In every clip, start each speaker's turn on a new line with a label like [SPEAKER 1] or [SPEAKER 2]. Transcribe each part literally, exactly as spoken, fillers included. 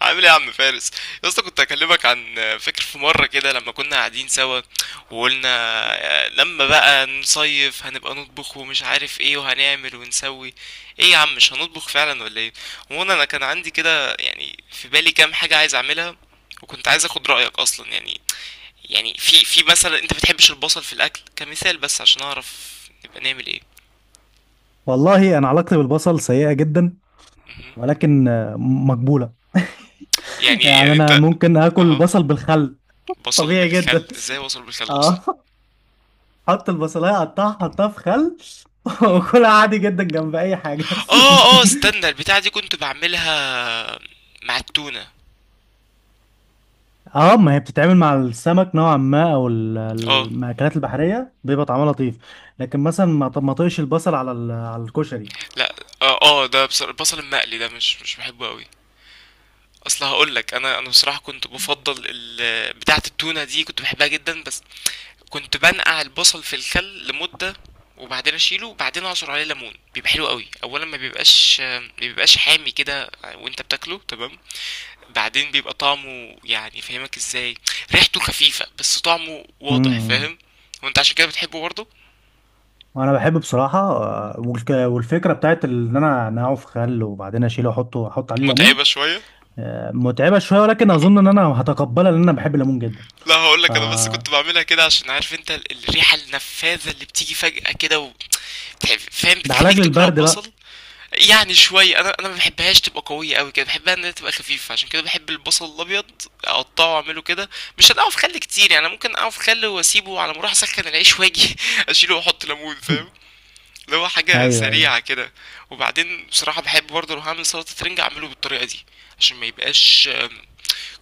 [SPEAKER 1] عامل ايه يا عم فارس؟ يا اسطى كنت اكلمك عن فاكر في مره كده لما كنا قاعدين سوا وقلنا آه، لما بقى نصيف هنبقى نطبخ ومش عارف ايه وهنعمل ونسوي ايه يا عم؟ مش هنطبخ فعلا ولا ايه؟ وانا انا كان عندي كده يعني في بالي كام حاجه عايز اعملها، وكنت عايز اخد رايك اصلا. يعني يعني في في مثلا انت بتحبش البصل في الاكل كمثال، بس عشان اعرف نبقى نعمل ايه.
[SPEAKER 2] والله انا علاقتي بالبصل سيئة جدا،
[SPEAKER 1] مهم.
[SPEAKER 2] ولكن آه، مقبولة.
[SPEAKER 1] يعني
[SPEAKER 2] يعني
[SPEAKER 1] يعني
[SPEAKER 2] انا
[SPEAKER 1] انت.
[SPEAKER 2] ممكن اكل
[SPEAKER 1] اها.
[SPEAKER 2] بصل بالخل
[SPEAKER 1] بصل
[SPEAKER 2] طبيعي جدا.
[SPEAKER 1] بالخل؟ ازاي بصل بالخل اصلا؟
[SPEAKER 2] اه حط البصلايه، قطعها، حطها في خل.
[SPEAKER 1] مهم.
[SPEAKER 2] وكلها عادي جدا جنب اي حاجه.
[SPEAKER 1] اه اه
[SPEAKER 2] لكن
[SPEAKER 1] استنى، البتاعة دي كنت بعملها مع التونة.
[SPEAKER 2] اه ما هي بتتعمل مع السمك نوعا ما او ال-
[SPEAKER 1] اه.
[SPEAKER 2] المأكولات البحريه بيبقى طعمها لطيف. لكن مثلا ما ط- ما طقش البصل على ال- على الكشري.
[SPEAKER 1] لا. اه اه ده بص- البصل المقلي ده مش مش بحبه قوي. اصل هقول لك، انا انا بصراحة كنت بفضل ال- بتاعة التونة دي، كنت بحبها جدا، بس كنت بنقع البصل في الخل لمدة وبعدين اشيله وبعدين اعصر عليه ليمون، بيبقى حلو قوي. اولا ما بيبقاش ما بيبقاش حامي كده وانت بتاكله، تمام؟ بعدين بيبقى طعمه، يعني فاهمك ازاي، ريحته خفيفة بس طعمه واضح،
[SPEAKER 2] امم
[SPEAKER 1] فاهم؟ وانت عشان كده بتحبه برضه.
[SPEAKER 2] وانا بحب بصراحه، آه، والك- والفكره بتاعت ان انا انقعه في خل وبعدين اشيله واحطه احط عليه ليمون.
[SPEAKER 1] متعبة شوية.
[SPEAKER 2] آه، متعبة شوية ولكن أظن إن أنا هتقبلها، لأن أنا بحب الليمون جدا.
[SPEAKER 1] لا، هقول
[SPEAKER 2] ف
[SPEAKER 1] لك، انا بس كنت بعملها كده عشان عارف انت ال- الريحة النفاذة اللي بتيجي فجأة كده و... بتح- فاهم،
[SPEAKER 2] ده
[SPEAKER 1] بتخليك
[SPEAKER 2] علاج
[SPEAKER 1] تكره
[SPEAKER 2] للبرد بقى.
[SPEAKER 1] البصل. يعني شوية، انا انا ما بحبهاش تبقى قوية قوي كده، بحبها انها تبقى خفيفة، عشان كده بحب البصل الابيض اقطعه واعمله كده. مش هنقعه في خل كتير، يعني أنا ممكن اقعه في خل واسيبه على ما اروح اسخن العيش واجي اشيله واحط ليمون، فاهم؟ اللي هو حاجة
[SPEAKER 2] أيوه، أيوه.
[SPEAKER 1] سريعة كده. وبعدين بصراحة بحب برضه لو هعمل سلطة رنجة اعمله بالطريقة دي، عشان ما يبقاش آم،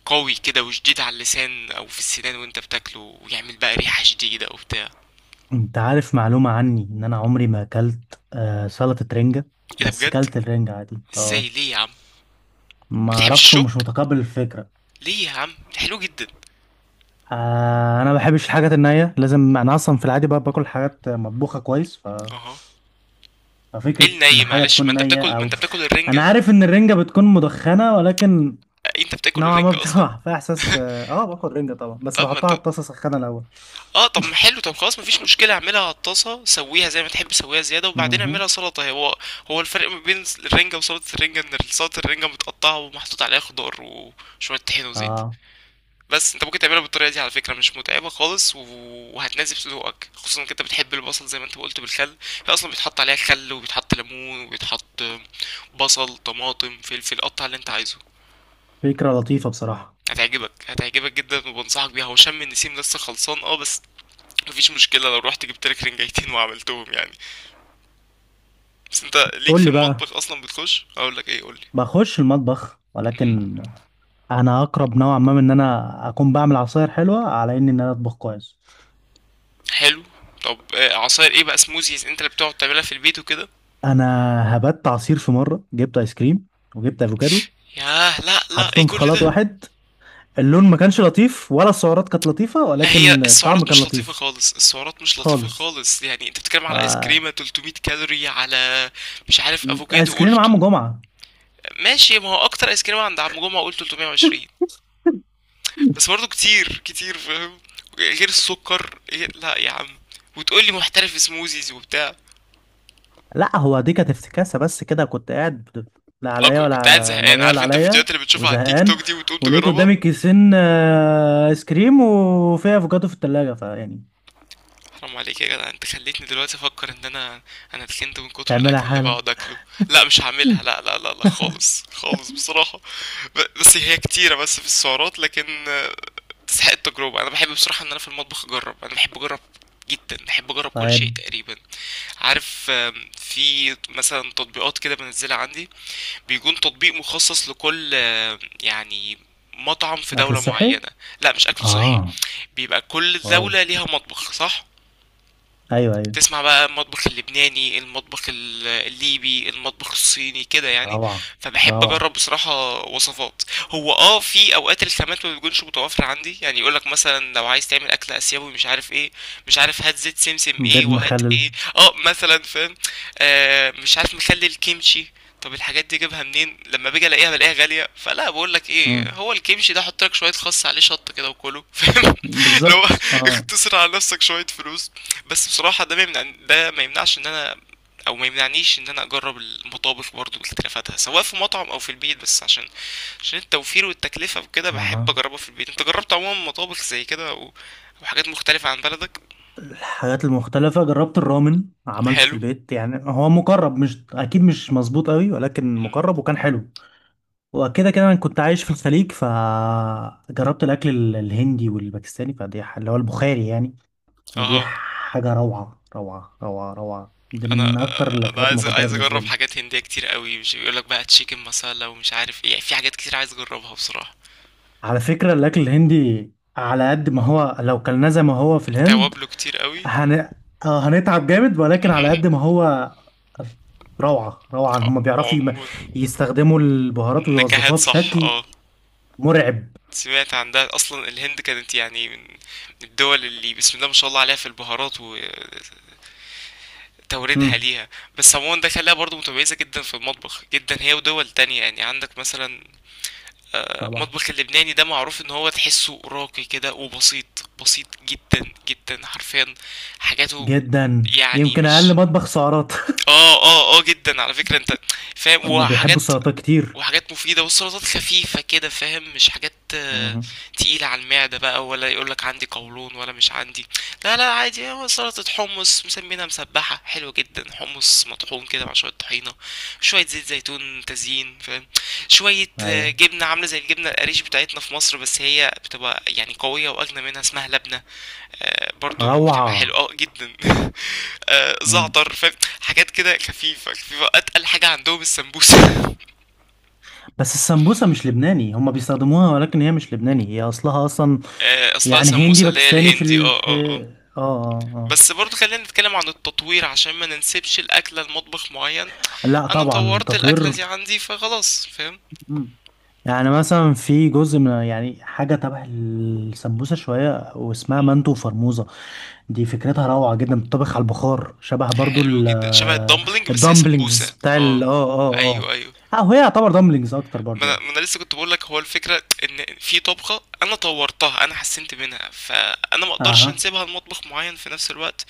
[SPEAKER 1] قوي كده وشديد على اللسان او في السنان وانت بتاكله، ويعمل بقى ريحة شديدة وبتاع.
[SPEAKER 2] أنت عارف معلومة عني؟ إن أنا عمري ما أكلت آه، سلطة رنجة،
[SPEAKER 1] ايه ده،
[SPEAKER 2] بس
[SPEAKER 1] بجد؟
[SPEAKER 2] أكلت الرنجة عادي.
[SPEAKER 1] ازاي؟
[SPEAKER 2] أه.
[SPEAKER 1] ليه يا عم؟
[SPEAKER 2] ما
[SPEAKER 1] بتحبش
[SPEAKER 2] أعرفش،
[SPEAKER 1] الشوك؟
[SPEAKER 2] ومش متقبل الفكرة.
[SPEAKER 1] ليه يا عم، ده حلو جدا.
[SPEAKER 2] آه، أنا ما بحبش الحاجات النية. لازم أنا أصلا في العادي بقى باكل حاجات مطبوخة كويس، ف...
[SPEAKER 1] اها. ايه
[SPEAKER 2] ففكرة إن
[SPEAKER 1] الني؟
[SPEAKER 2] حاجة
[SPEAKER 1] معلش، ما
[SPEAKER 2] تكون
[SPEAKER 1] انت
[SPEAKER 2] نية
[SPEAKER 1] بتاكل، ما
[SPEAKER 2] أو...
[SPEAKER 1] انت بتاكل
[SPEAKER 2] أنا
[SPEAKER 1] الرنجة.
[SPEAKER 2] عارف إن الرنجة بتكون مدخنة، ولكن
[SPEAKER 1] آه، انت بتاكل
[SPEAKER 2] نوعا ما
[SPEAKER 1] الرنجة اصلا.
[SPEAKER 2] بتبقى فيها احساس. اه آه، باكل رنجة طبعا، بس
[SPEAKER 1] طب ما
[SPEAKER 2] بحطها
[SPEAKER 1] انت،
[SPEAKER 2] على الطاسة اسخنها الاول.
[SPEAKER 1] اه، طب ما حلو. طب خلاص، مفيش مشكلة، اعملها على الطاسة، سويها زي ما تحب، سويها زيادة وبعدين اعملها
[SPEAKER 2] امم
[SPEAKER 1] سلطة. هو هو الفرق ما بين الرنجة وسلطة الرنجة ان سلطة الرنجة متقطعة ومحطوط عليها خضار وشوية طحين وزيت.
[SPEAKER 2] اه
[SPEAKER 1] بس انت ممكن تعملها بالطريقه دي على فكره، مش متعبه خالص، و- وهتناسب سلوقك، خصوصا انك انت بتحب البصل زي ما انت قلت بالخل. هي اصلا بيتحط عليها خل وبيتحط ليمون وبيتحط بصل، طماطم، فلفل، قطع اللي انت عايزه.
[SPEAKER 2] فكرة لطيفة بصراحة.
[SPEAKER 1] هتعجبك هتعجبك جدا، وبنصحك بيها. هو شم النسيم لسه خلصان اه، بس مفيش مشكله لو رحت جبت لك رنجايتين وعملتهم، يعني. بس انت ليك
[SPEAKER 2] قول
[SPEAKER 1] في
[SPEAKER 2] لي بقى.
[SPEAKER 1] المطبخ اصلا؟ بتخش؟ اقول لك ايه، قول لي.
[SPEAKER 2] بخش المطبخ،
[SPEAKER 1] مهم.
[SPEAKER 2] ولكن انا اقرب نوعا ما من ان انا اكون بعمل عصاير حلوة على اني ان انا اطبخ كويس.
[SPEAKER 1] حلو. طب آه، عصاير ايه بقى؟ سموزيز انت اللي بتقعد تعملها في البيت وكده؟
[SPEAKER 2] انا هبت عصير في مرة، جبت ايس كريم وجبت افوكادو،
[SPEAKER 1] ياه، لا لا، ايه
[SPEAKER 2] حطيتهم في
[SPEAKER 1] كل
[SPEAKER 2] خلاط
[SPEAKER 1] ده؟
[SPEAKER 2] واحد. اللون ما كانش لطيف، ولا السعرات كانت لطيفة،
[SPEAKER 1] هي
[SPEAKER 2] ولكن الطعم
[SPEAKER 1] السعرات
[SPEAKER 2] كان
[SPEAKER 1] مش لطيفة
[SPEAKER 2] لطيف.
[SPEAKER 1] خالص، السعرات مش لطيفة
[SPEAKER 2] خالص.
[SPEAKER 1] خالص، يعني انت بتتكلم على ايس
[SPEAKER 2] آه،
[SPEAKER 1] كريمة تلتمية كالوري على، مش عارف،
[SPEAKER 2] ايس
[SPEAKER 1] افوكادو
[SPEAKER 2] كريم
[SPEAKER 1] قلت.
[SPEAKER 2] عم جمعة.
[SPEAKER 1] ماشي، ما هو اكتر ايس كريمة عند عم جمعة قلت تلتمية وعشرين، بس برضه كتير كتير، فاهم؟ غير السكر، غير- لا يا عم، وتقول لي محترف سموزيز وبتاع.
[SPEAKER 2] لا، هو دي كانت افتكاسة بس كده. كنت قاعد بت- لا
[SPEAKER 1] اه،
[SPEAKER 2] عليا
[SPEAKER 1] كنت
[SPEAKER 2] ولا
[SPEAKER 1] كنت قاعد
[SPEAKER 2] ع- لا
[SPEAKER 1] زهقان،
[SPEAKER 2] ميا ولا
[SPEAKER 1] عارف انت الفيديوهات
[SPEAKER 2] عليا،
[SPEAKER 1] اللي بتشوفها على التيك
[SPEAKER 2] وزهقان.
[SPEAKER 1] توك دي وتقوم
[SPEAKER 2] ولقيت
[SPEAKER 1] تجربها.
[SPEAKER 2] قدامي كيسين، آه، ايس كريم، وفيها افوكادو في التلاجة، فيعني.
[SPEAKER 1] حرام عليك يا جدع، انت خليتني دلوقتي افكر ان انا، انا اتخنت من كتر
[SPEAKER 2] تعملها
[SPEAKER 1] الاكل اللي
[SPEAKER 2] حالا؟
[SPEAKER 1] بقعد اكله. لا مش هعملها،
[SPEAKER 2] مم.
[SPEAKER 1] لا لا لا لا، خالص خالص بصراحة. ب- بس هي كتيرة بس في السعرات، لكن آه، تستحق التجربة. انا بحب بصراحة ان انا في المطبخ اجرب، انا بحب اجرب جدا، بحب اجرب كل شيء
[SPEAKER 2] طيب.
[SPEAKER 1] تقريبا. عارف، آم، في مثلا تطبيقات كده بنزلها عندي، بيكون تطبيق مخصص لكل، آم، يعني مطعم في
[SPEAKER 2] اكل
[SPEAKER 1] دولة
[SPEAKER 2] صحي.
[SPEAKER 1] معينة. لا مش اكل صحي.
[SPEAKER 2] اه.
[SPEAKER 1] بيبقى كل
[SPEAKER 2] واو.
[SPEAKER 1] دولة ليها مطبخ، صح؟
[SPEAKER 2] ايوه، ايوه.
[SPEAKER 1] تسمع بقى المطبخ اللبناني، المطبخ ال- الليبي، المطبخ الصيني، كده يعني.
[SPEAKER 2] روعة،
[SPEAKER 1] فبحب
[SPEAKER 2] روعة.
[SPEAKER 1] اجرب بصراحة وصفات. هو اه في اوقات الخامات ما بتكونش متوفرة عندي، يعني يقولك مثلا لو عايز تعمل اكل اسيوي مش عارف ايه، مش عارف، هات زيت سمسم
[SPEAKER 2] بيض
[SPEAKER 1] ايه وهات
[SPEAKER 2] مخلل.
[SPEAKER 1] ايه. اه مثلا، فاهم؟ آه مش عارف، مخلي الكيمشي. طب الحاجات دي اجيبها منين؟ لما باجي الاقيها بلاقيها غاليه، فلا بقول لك ايه،
[SPEAKER 2] مم.
[SPEAKER 1] هو الكيمشي ده حط لك شويه خس عليه شطه كده وكله، فاهم؟ لو
[SPEAKER 2] بالظبط، اه.
[SPEAKER 1] اختصر على نفسك شويه فلوس. بس بصراحة ده ما يمنع، ده ما يمنعش ان انا، او ما يمنعنيش ان انا اجرب المطابخ برضو واختلافاتها، سواء في مطعم او في البيت، بس عشان عشان التوفير والتكلفة وكده بحب
[SPEAKER 2] اها.
[SPEAKER 1] اجربها في البيت. انت جربت عموما مطابخ زي كده، او او حاجات مختلفة عن بلدك؟
[SPEAKER 2] الحاجات المختلفة: جربت الرامن، عملته في
[SPEAKER 1] حلو.
[SPEAKER 2] البيت. يعني هو مقرب، مش اكيد مش مظبوط قوي، ولكن
[SPEAKER 1] مم.
[SPEAKER 2] مقرب وكان حلو. وكده كده انا كنت عايش في الخليج، فجربت الاكل ال- الهندي والباكستاني. فدي ح- اللي هو البخاري يعني. ودي
[SPEAKER 1] اها.
[SPEAKER 2] حاجه روعه روعه روعه روعه. دي
[SPEAKER 1] انا
[SPEAKER 2] من اكتر
[SPEAKER 1] انا
[SPEAKER 2] الاكلات
[SPEAKER 1] عايز،
[SPEAKER 2] المفضله
[SPEAKER 1] عايز
[SPEAKER 2] بالنسبه
[SPEAKER 1] اجرب
[SPEAKER 2] لي.
[SPEAKER 1] حاجات هندية كتير قوي، مش بيقولك بقى تشيكن مسالة ومش عارف ايه، يعني في حاجات كتير عايز اجربها بصراحة.
[SPEAKER 2] على فكره، الاكل الهندي على قد ما هو، لو كلناه زي ما هو في الهند
[SPEAKER 1] توابله كتير قوي.
[SPEAKER 2] هن... آه هنتعب جامد. ولكن على
[SPEAKER 1] مهم.
[SPEAKER 2] قد ما هو روعه روعه.
[SPEAKER 1] ع-
[SPEAKER 2] هم بيعرفوا يم-
[SPEAKER 1] عموما،
[SPEAKER 2] يستخدموا البهارات
[SPEAKER 1] نكهات،
[SPEAKER 2] ويوظفوها
[SPEAKER 1] صح،
[SPEAKER 2] بشكل
[SPEAKER 1] اه.
[SPEAKER 2] مرعب.
[SPEAKER 1] سمعت عندها اصلا الهند كانت يعني من من الدول اللي بسم الله ما شاء الله عليها في البهارات، وتوردها
[SPEAKER 2] مم.
[SPEAKER 1] ليها. بس عموما ده خلاها برضو متميزة جدا في المطبخ، جدا، هي ودول تانية، يعني عندك مثلا
[SPEAKER 2] طبعا.
[SPEAKER 1] المطبخ اللبناني ده معروف ان هو تحسه راقي كده، وبسيط، بسيط جدا جدا، حرفيا حاجاته.
[SPEAKER 2] جدا،
[SPEAKER 1] يعني
[SPEAKER 2] يمكن اقل
[SPEAKER 1] مش،
[SPEAKER 2] مطبخ سعرات.
[SPEAKER 1] اه اه اه جدا على فكرة انت، فاهم؟
[SPEAKER 2] أما بيحبوا
[SPEAKER 1] وحاجات،
[SPEAKER 2] السلطات كتير.
[SPEAKER 1] وحاجات مفيدة، والسلطات خفيفة كده، فاهم؟ مش حاجات آه،
[SPEAKER 2] مهم.
[SPEAKER 1] تقيلة على المعدة بقى ولا يقولك عندي قولون ولا مش عندي. لا لا عادي، هو سلطة حمص مسمينها مسبحة، حلوة جدا، حمص مطحون كده مع شوية طحينة، شوية زيت زيتون تزيين، فاهم؟ شوية آه،
[SPEAKER 2] ايوه.
[SPEAKER 1] جبنة عاملة زي الجبنة القريش بتاعتنا في مصر، بس هي بتبقى يعني قوية وأجنى منها، اسمها لبنة. آه، برضو بتبقى
[SPEAKER 2] روعة.
[SPEAKER 1] حلوة اه جدا آه،
[SPEAKER 2] مم.
[SPEAKER 1] زعتر، فاهم؟ حاجات كده خفيفة خفيفة. أتقل حاجة عندهم السمبوسة
[SPEAKER 2] بس السمبوسة مش لبناني. هما بيستخدموها، ولكن هي مش لبناني. هي أصلها أصلا
[SPEAKER 1] آه، اصلها
[SPEAKER 2] يعني هندي
[SPEAKER 1] سموسة، اللي هي
[SPEAKER 2] باكستاني في
[SPEAKER 1] الهندي،
[SPEAKER 2] ال
[SPEAKER 1] اه اه اه.
[SPEAKER 2] اه اه
[SPEAKER 1] بس برضو خلينا نتكلم عن التطوير عشان ما ننسبش الاكلة لمطبخ معين.
[SPEAKER 2] اه لا،
[SPEAKER 1] انا
[SPEAKER 2] طبعا،
[SPEAKER 1] طورت الاكلة
[SPEAKER 2] تطوير.
[SPEAKER 1] دي عندي فخلاص، فاهم؟
[SPEAKER 2] مم. يعني مثلا في جزء من، يعني، حاجة تبع السمبوسة شوية، واسمها
[SPEAKER 1] مهم.
[SPEAKER 2] منتو وفرموزة. دي فكرتها روعة جدا. بتطبخ على البخار، شبه برضو
[SPEAKER 1] حلو
[SPEAKER 2] ال-
[SPEAKER 1] جدا، شبه
[SPEAKER 2] آه،
[SPEAKER 1] الدمبلينج بس هي
[SPEAKER 2] الدمبلينجز
[SPEAKER 1] سمبوسة
[SPEAKER 2] بتاع
[SPEAKER 1] اه.
[SPEAKER 2] ال اه اه اه
[SPEAKER 1] ايوه ايوه.
[SPEAKER 2] اه هي يعتبر دمبلينجز أكتر
[SPEAKER 1] ما
[SPEAKER 2] برضو
[SPEAKER 1] انا،
[SPEAKER 2] يعني.
[SPEAKER 1] ما أنا لسه كنت بقول لك، هو الفكرة ان في طبخة انا طورتها، انا حسنت منها، فانا ما اقدرش
[SPEAKER 2] اها.
[SPEAKER 1] انسبها لمطبخ معين في نفس الوقت.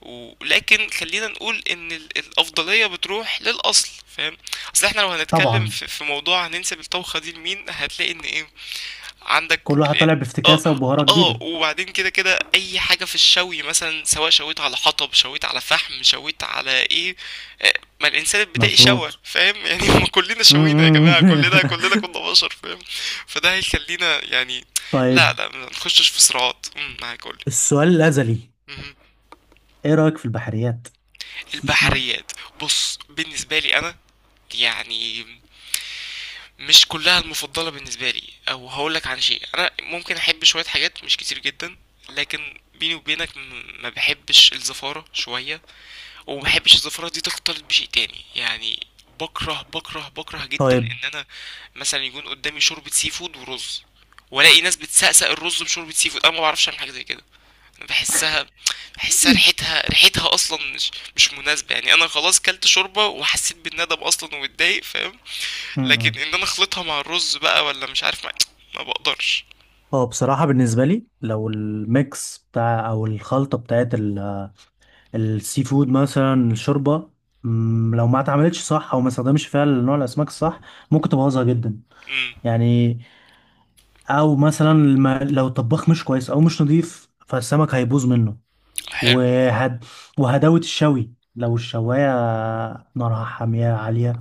[SPEAKER 1] ولكن خلينا نقول ان ال- الافضليه بتروح للاصل، فاهم؟ اصل احنا لو هنتكلم
[SPEAKER 2] طبعا،
[SPEAKER 1] في, في موضوع هننسب الطبخه دي لمين، هتلاقي ان ايه، عندك
[SPEAKER 2] كل واحد
[SPEAKER 1] ال-
[SPEAKER 2] طالع
[SPEAKER 1] اه
[SPEAKER 2] بافتكاسة وبهارة
[SPEAKER 1] اه.
[SPEAKER 2] جديدة.
[SPEAKER 1] وبعدين كده كده اي حاجه في الشوي مثلا، سواء شويت على حطب، شويت على فحم، شويت على ايه، آه، ما الانسان البدائي شوى،
[SPEAKER 2] مظبوط.
[SPEAKER 1] فاهم؟ يعني ما كلنا شوينا يا
[SPEAKER 2] م- م.
[SPEAKER 1] جماعه، كلنا، كلنا كنا بشر، فاهم؟ فده هيخلينا يعني، لا
[SPEAKER 2] طيب.
[SPEAKER 1] لا ما نخشش في صراعات. امم معاك، قولي.
[SPEAKER 2] السؤال الأزلي: ايه رأيك في البحريات؟
[SPEAKER 1] البحريات. بص بالنسبة لي أنا، يعني، مش كلها المفضلة بالنسبة لي، أو هقولك، عن شيء أنا ممكن أحب شوية حاجات مش كتير جدا. لكن بيني وبينك م- ما بحبش الزفارة شوية، وما بحبش الزفارة دي تختلط بشيء تاني، يعني بكره، بكره بكره جدا
[SPEAKER 2] طيب.
[SPEAKER 1] ان انا مثلا يكون قدامي شوربة سي فود ورز، والاقي ناس بتسقسق الرز بشوربة سي فود، انا ما بعرفش اعمل حاجة زي كده. باحسها، باحسها ريحتها ريحتها اصلا مش مش مناسبه، يعني انا خلاص كلت شوربه وحسيت بالندم اصلا واتضايق، فاهم؟
[SPEAKER 2] م-
[SPEAKER 1] لكن
[SPEAKER 2] م.
[SPEAKER 1] ان انا اخلطها مع الرز بقى، ولا مش عارف مع... ما بقدرش.
[SPEAKER 2] هو بصراحة بالنسبة لي، لو الميكس بتاع أو الخلطة بتاعت ال- السي فود، مثلا الشوربة، مم، لو ما اتعملتش صح أو ما استخدمش فيها نوع الأسماك الصح، ممكن تبوظها جدا.
[SPEAKER 1] امم.
[SPEAKER 2] يعني، أو مثلا الم- لو الطباخ مش كويس أو مش نظيف، فالسمك هيبوظ منه.
[SPEAKER 1] حلو.
[SPEAKER 2] وهد... وهداوة الشوي، لو الشواية نارها حامية عالية،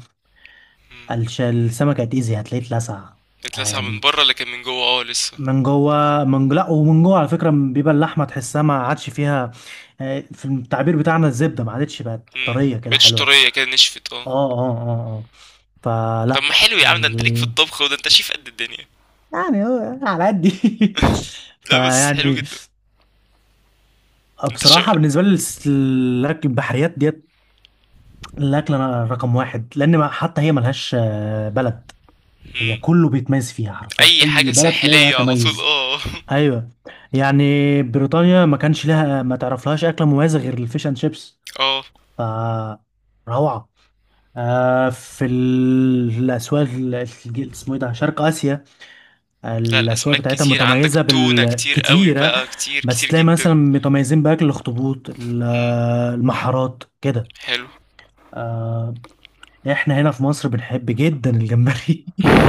[SPEAKER 1] امم.
[SPEAKER 2] الش... السمكة هتأذي، هتلاقيه اتلسع.
[SPEAKER 1] اتلسع من
[SPEAKER 2] يعني
[SPEAKER 1] بره لكن من جوه اه لسه.
[SPEAKER 2] من جوه، من، لا، ومن جوه على فكرة بيبقى اللحمة تحسها ما عادش فيها، آه، في التعبير بتاعنا، الزبدة، ما عادتش بقت
[SPEAKER 1] امم،
[SPEAKER 2] طرية كده
[SPEAKER 1] بقتش
[SPEAKER 2] حلوة.
[SPEAKER 1] طريه كده، نشفت اه.
[SPEAKER 2] اه اه اه اه
[SPEAKER 1] طب
[SPEAKER 2] فلا.
[SPEAKER 1] ما حلو يا عم، ده انت ليك في
[SPEAKER 2] ال...
[SPEAKER 1] الطبخ، وده انت شيف قد الدنيا.
[SPEAKER 2] يعني هو على قد.
[SPEAKER 1] لا بس حلو
[SPEAKER 2] فيعني
[SPEAKER 1] جدا. انت شو.
[SPEAKER 2] بصراحة بالنسبة لي الس- الأكل البحريات ديت الأكل أنا رقم واحد، لأن ما- حتى هي ملهاش آه، بلد. هي
[SPEAKER 1] امم.
[SPEAKER 2] كله بيتميز فيها حرفيا.
[SPEAKER 1] اي
[SPEAKER 2] أي
[SPEAKER 1] حاجه
[SPEAKER 2] بلد تلاقيها
[SPEAKER 1] ساحليه على طول
[SPEAKER 2] تميز.
[SPEAKER 1] اه.
[SPEAKER 2] أيوه. يعني بريطانيا ما كانش لها ما تعرفلهاش أكلة مميزة غير الفيش أند شيبس.
[SPEAKER 1] اه.
[SPEAKER 2] ف روعة. آه في ال- الأسواق ال- ال- اسمه إيه ده، شرق آسيا،
[SPEAKER 1] لا،
[SPEAKER 2] الأسواق
[SPEAKER 1] الأسماك
[SPEAKER 2] بتاعتها
[SPEAKER 1] كتير، عندك
[SPEAKER 2] متميزة
[SPEAKER 1] تونة كتير قوي
[SPEAKER 2] بالكتيرة.
[SPEAKER 1] بقى، كتير
[SPEAKER 2] بس
[SPEAKER 1] كتير
[SPEAKER 2] تلاقي مثلا
[SPEAKER 1] جدا.
[SPEAKER 2] متميزين بأكل الأخطبوط، ال-
[SPEAKER 1] امم.
[SPEAKER 2] المحارات كده.
[SPEAKER 1] حلو.
[SPEAKER 2] آه، احنا هنا في مصر بنحب جدا الجمبري.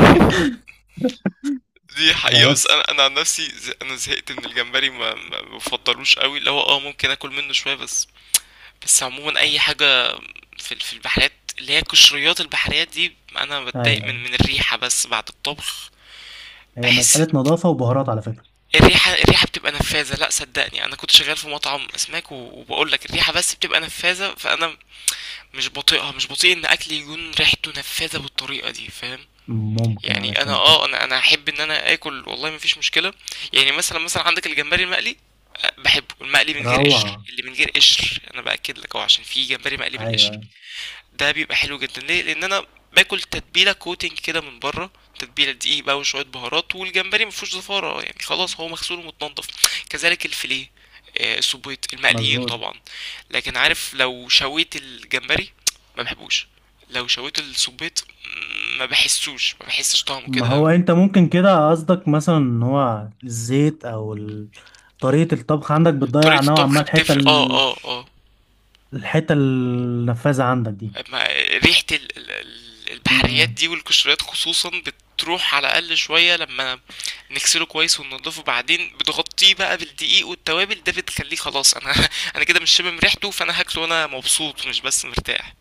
[SPEAKER 1] دي حقيقة، بس
[SPEAKER 2] فبس.
[SPEAKER 1] أنا، أنا عن نفسي، ز- أنا زهقت من الجمبري، ما ما بفضلوش قوي، اللي هو اه ممكن آكل منه شوية بس. بس عموما أي حاجة في ال- في البحريات، اللي هي قشريات، البحريات دي أنا بتضايق
[SPEAKER 2] ايوه،
[SPEAKER 1] من من الريحة بس بعد الطبخ.
[SPEAKER 2] هي
[SPEAKER 1] بحس
[SPEAKER 2] مسألة نظافة وبهارات على فكرة.
[SPEAKER 1] الريحة، الريحة بتبقى نفاذة، لا صدقني، أنا كنت شغال في مطعم أسماك و- وبقول لك الريحة بس بتبقى نفاذة، فأنا مش بطيئها، مش بطيء ان اكل يكون ريحته نفاذة بالطريقة دي، فاهم؟
[SPEAKER 2] ممكن
[SPEAKER 1] يعني انا
[SPEAKER 2] علشان
[SPEAKER 1] اه
[SPEAKER 2] كده.
[SPEAKER 1] انا، انا احب ان انا اكل، والله مفيش مشكله. يعني مثلا، مثلا عندك الجمبري المقلي، أه، بحبه المقلي من غير قشر،
[SPEAKER 2] روعة.
[SPEAKER 1] اللي من غير قشر انا باكد لك اهو، عشان في جمبري مقلي
[SPEAKER 2] ايوه،
[SPEAKER 1] بالقشر.
[SPEAKER 2] ايوه.
[SPEAKER 1] ده بيبقى حلو جدا، ليه؟ لان انا باكل تتبيله كوتنج كده من بره، تتبيله دقيق بقى وشويه بهارات، والجمبري مفيهوش زفاره يعني، خلاص هو مغسول ومتنضف، كذلك الفيليه، آه، السبيط المقليين
[SPEAKER 2] مظبوط.
[SPEAKER 1] طبعا. لكن عارف، لو شويت الجمبري ما بحبوش، لو شويت السبيط ما بحسوش، ما بحسش طعمه
[SPEAKER 2] ما
[SPEAKER 1] كده.
[SPEAKER 2] هو انت ممكن كده قصدك مثلا ان هو الزيت او ال... طريقة الطبخ عندك بتضيع
[SPEAKER 1] طريقه
[SPEAKER 2] نوعا
[SPEAKER 1] الطبخ
[SPEAKER 2] ما الحتة
[SPEAKER 1] بتفرق اه
[SPEAKER 2] ال...
[SPEAKER 1] اه اه.
[SPEAKER 2] الحتة النفاذة عندك دي.
[SPEAKER 1] ما ريحة ال- ال- ال-
[SPEAKER 2] م
[SPEAKER 1] البحريات
[SPEAKER 2] -م.
[SPEAKER 1] دي والقشريات خصوصا بتروح على الأقل شوية لما نغسله كويس وننضفه، بعدين بتغطيه بقى بالدقيق والتوابل، ده بتخليه خلاص، أنا أنا كده مش شامم ريحته، فأنا هاكله وأنا مبسوط، مش بس مرتاح.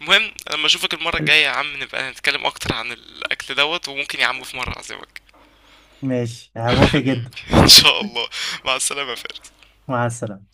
[SPEAKER 1] المهم لما أشوفك المرة الجاية يا عم نبقى نتكلم أكتر عن الأكل دوت، وممكن يا عم في مرة أعزمك.
[SPEAKER 2] ماشي، هوافق
[SPEAKER 1] حبيبي
[SPEAKER 2] جدا.
[SPEAKER 1] إن شاء الله. مع السلامة يا فارس.
[SPEAKER 2] مع السلامة.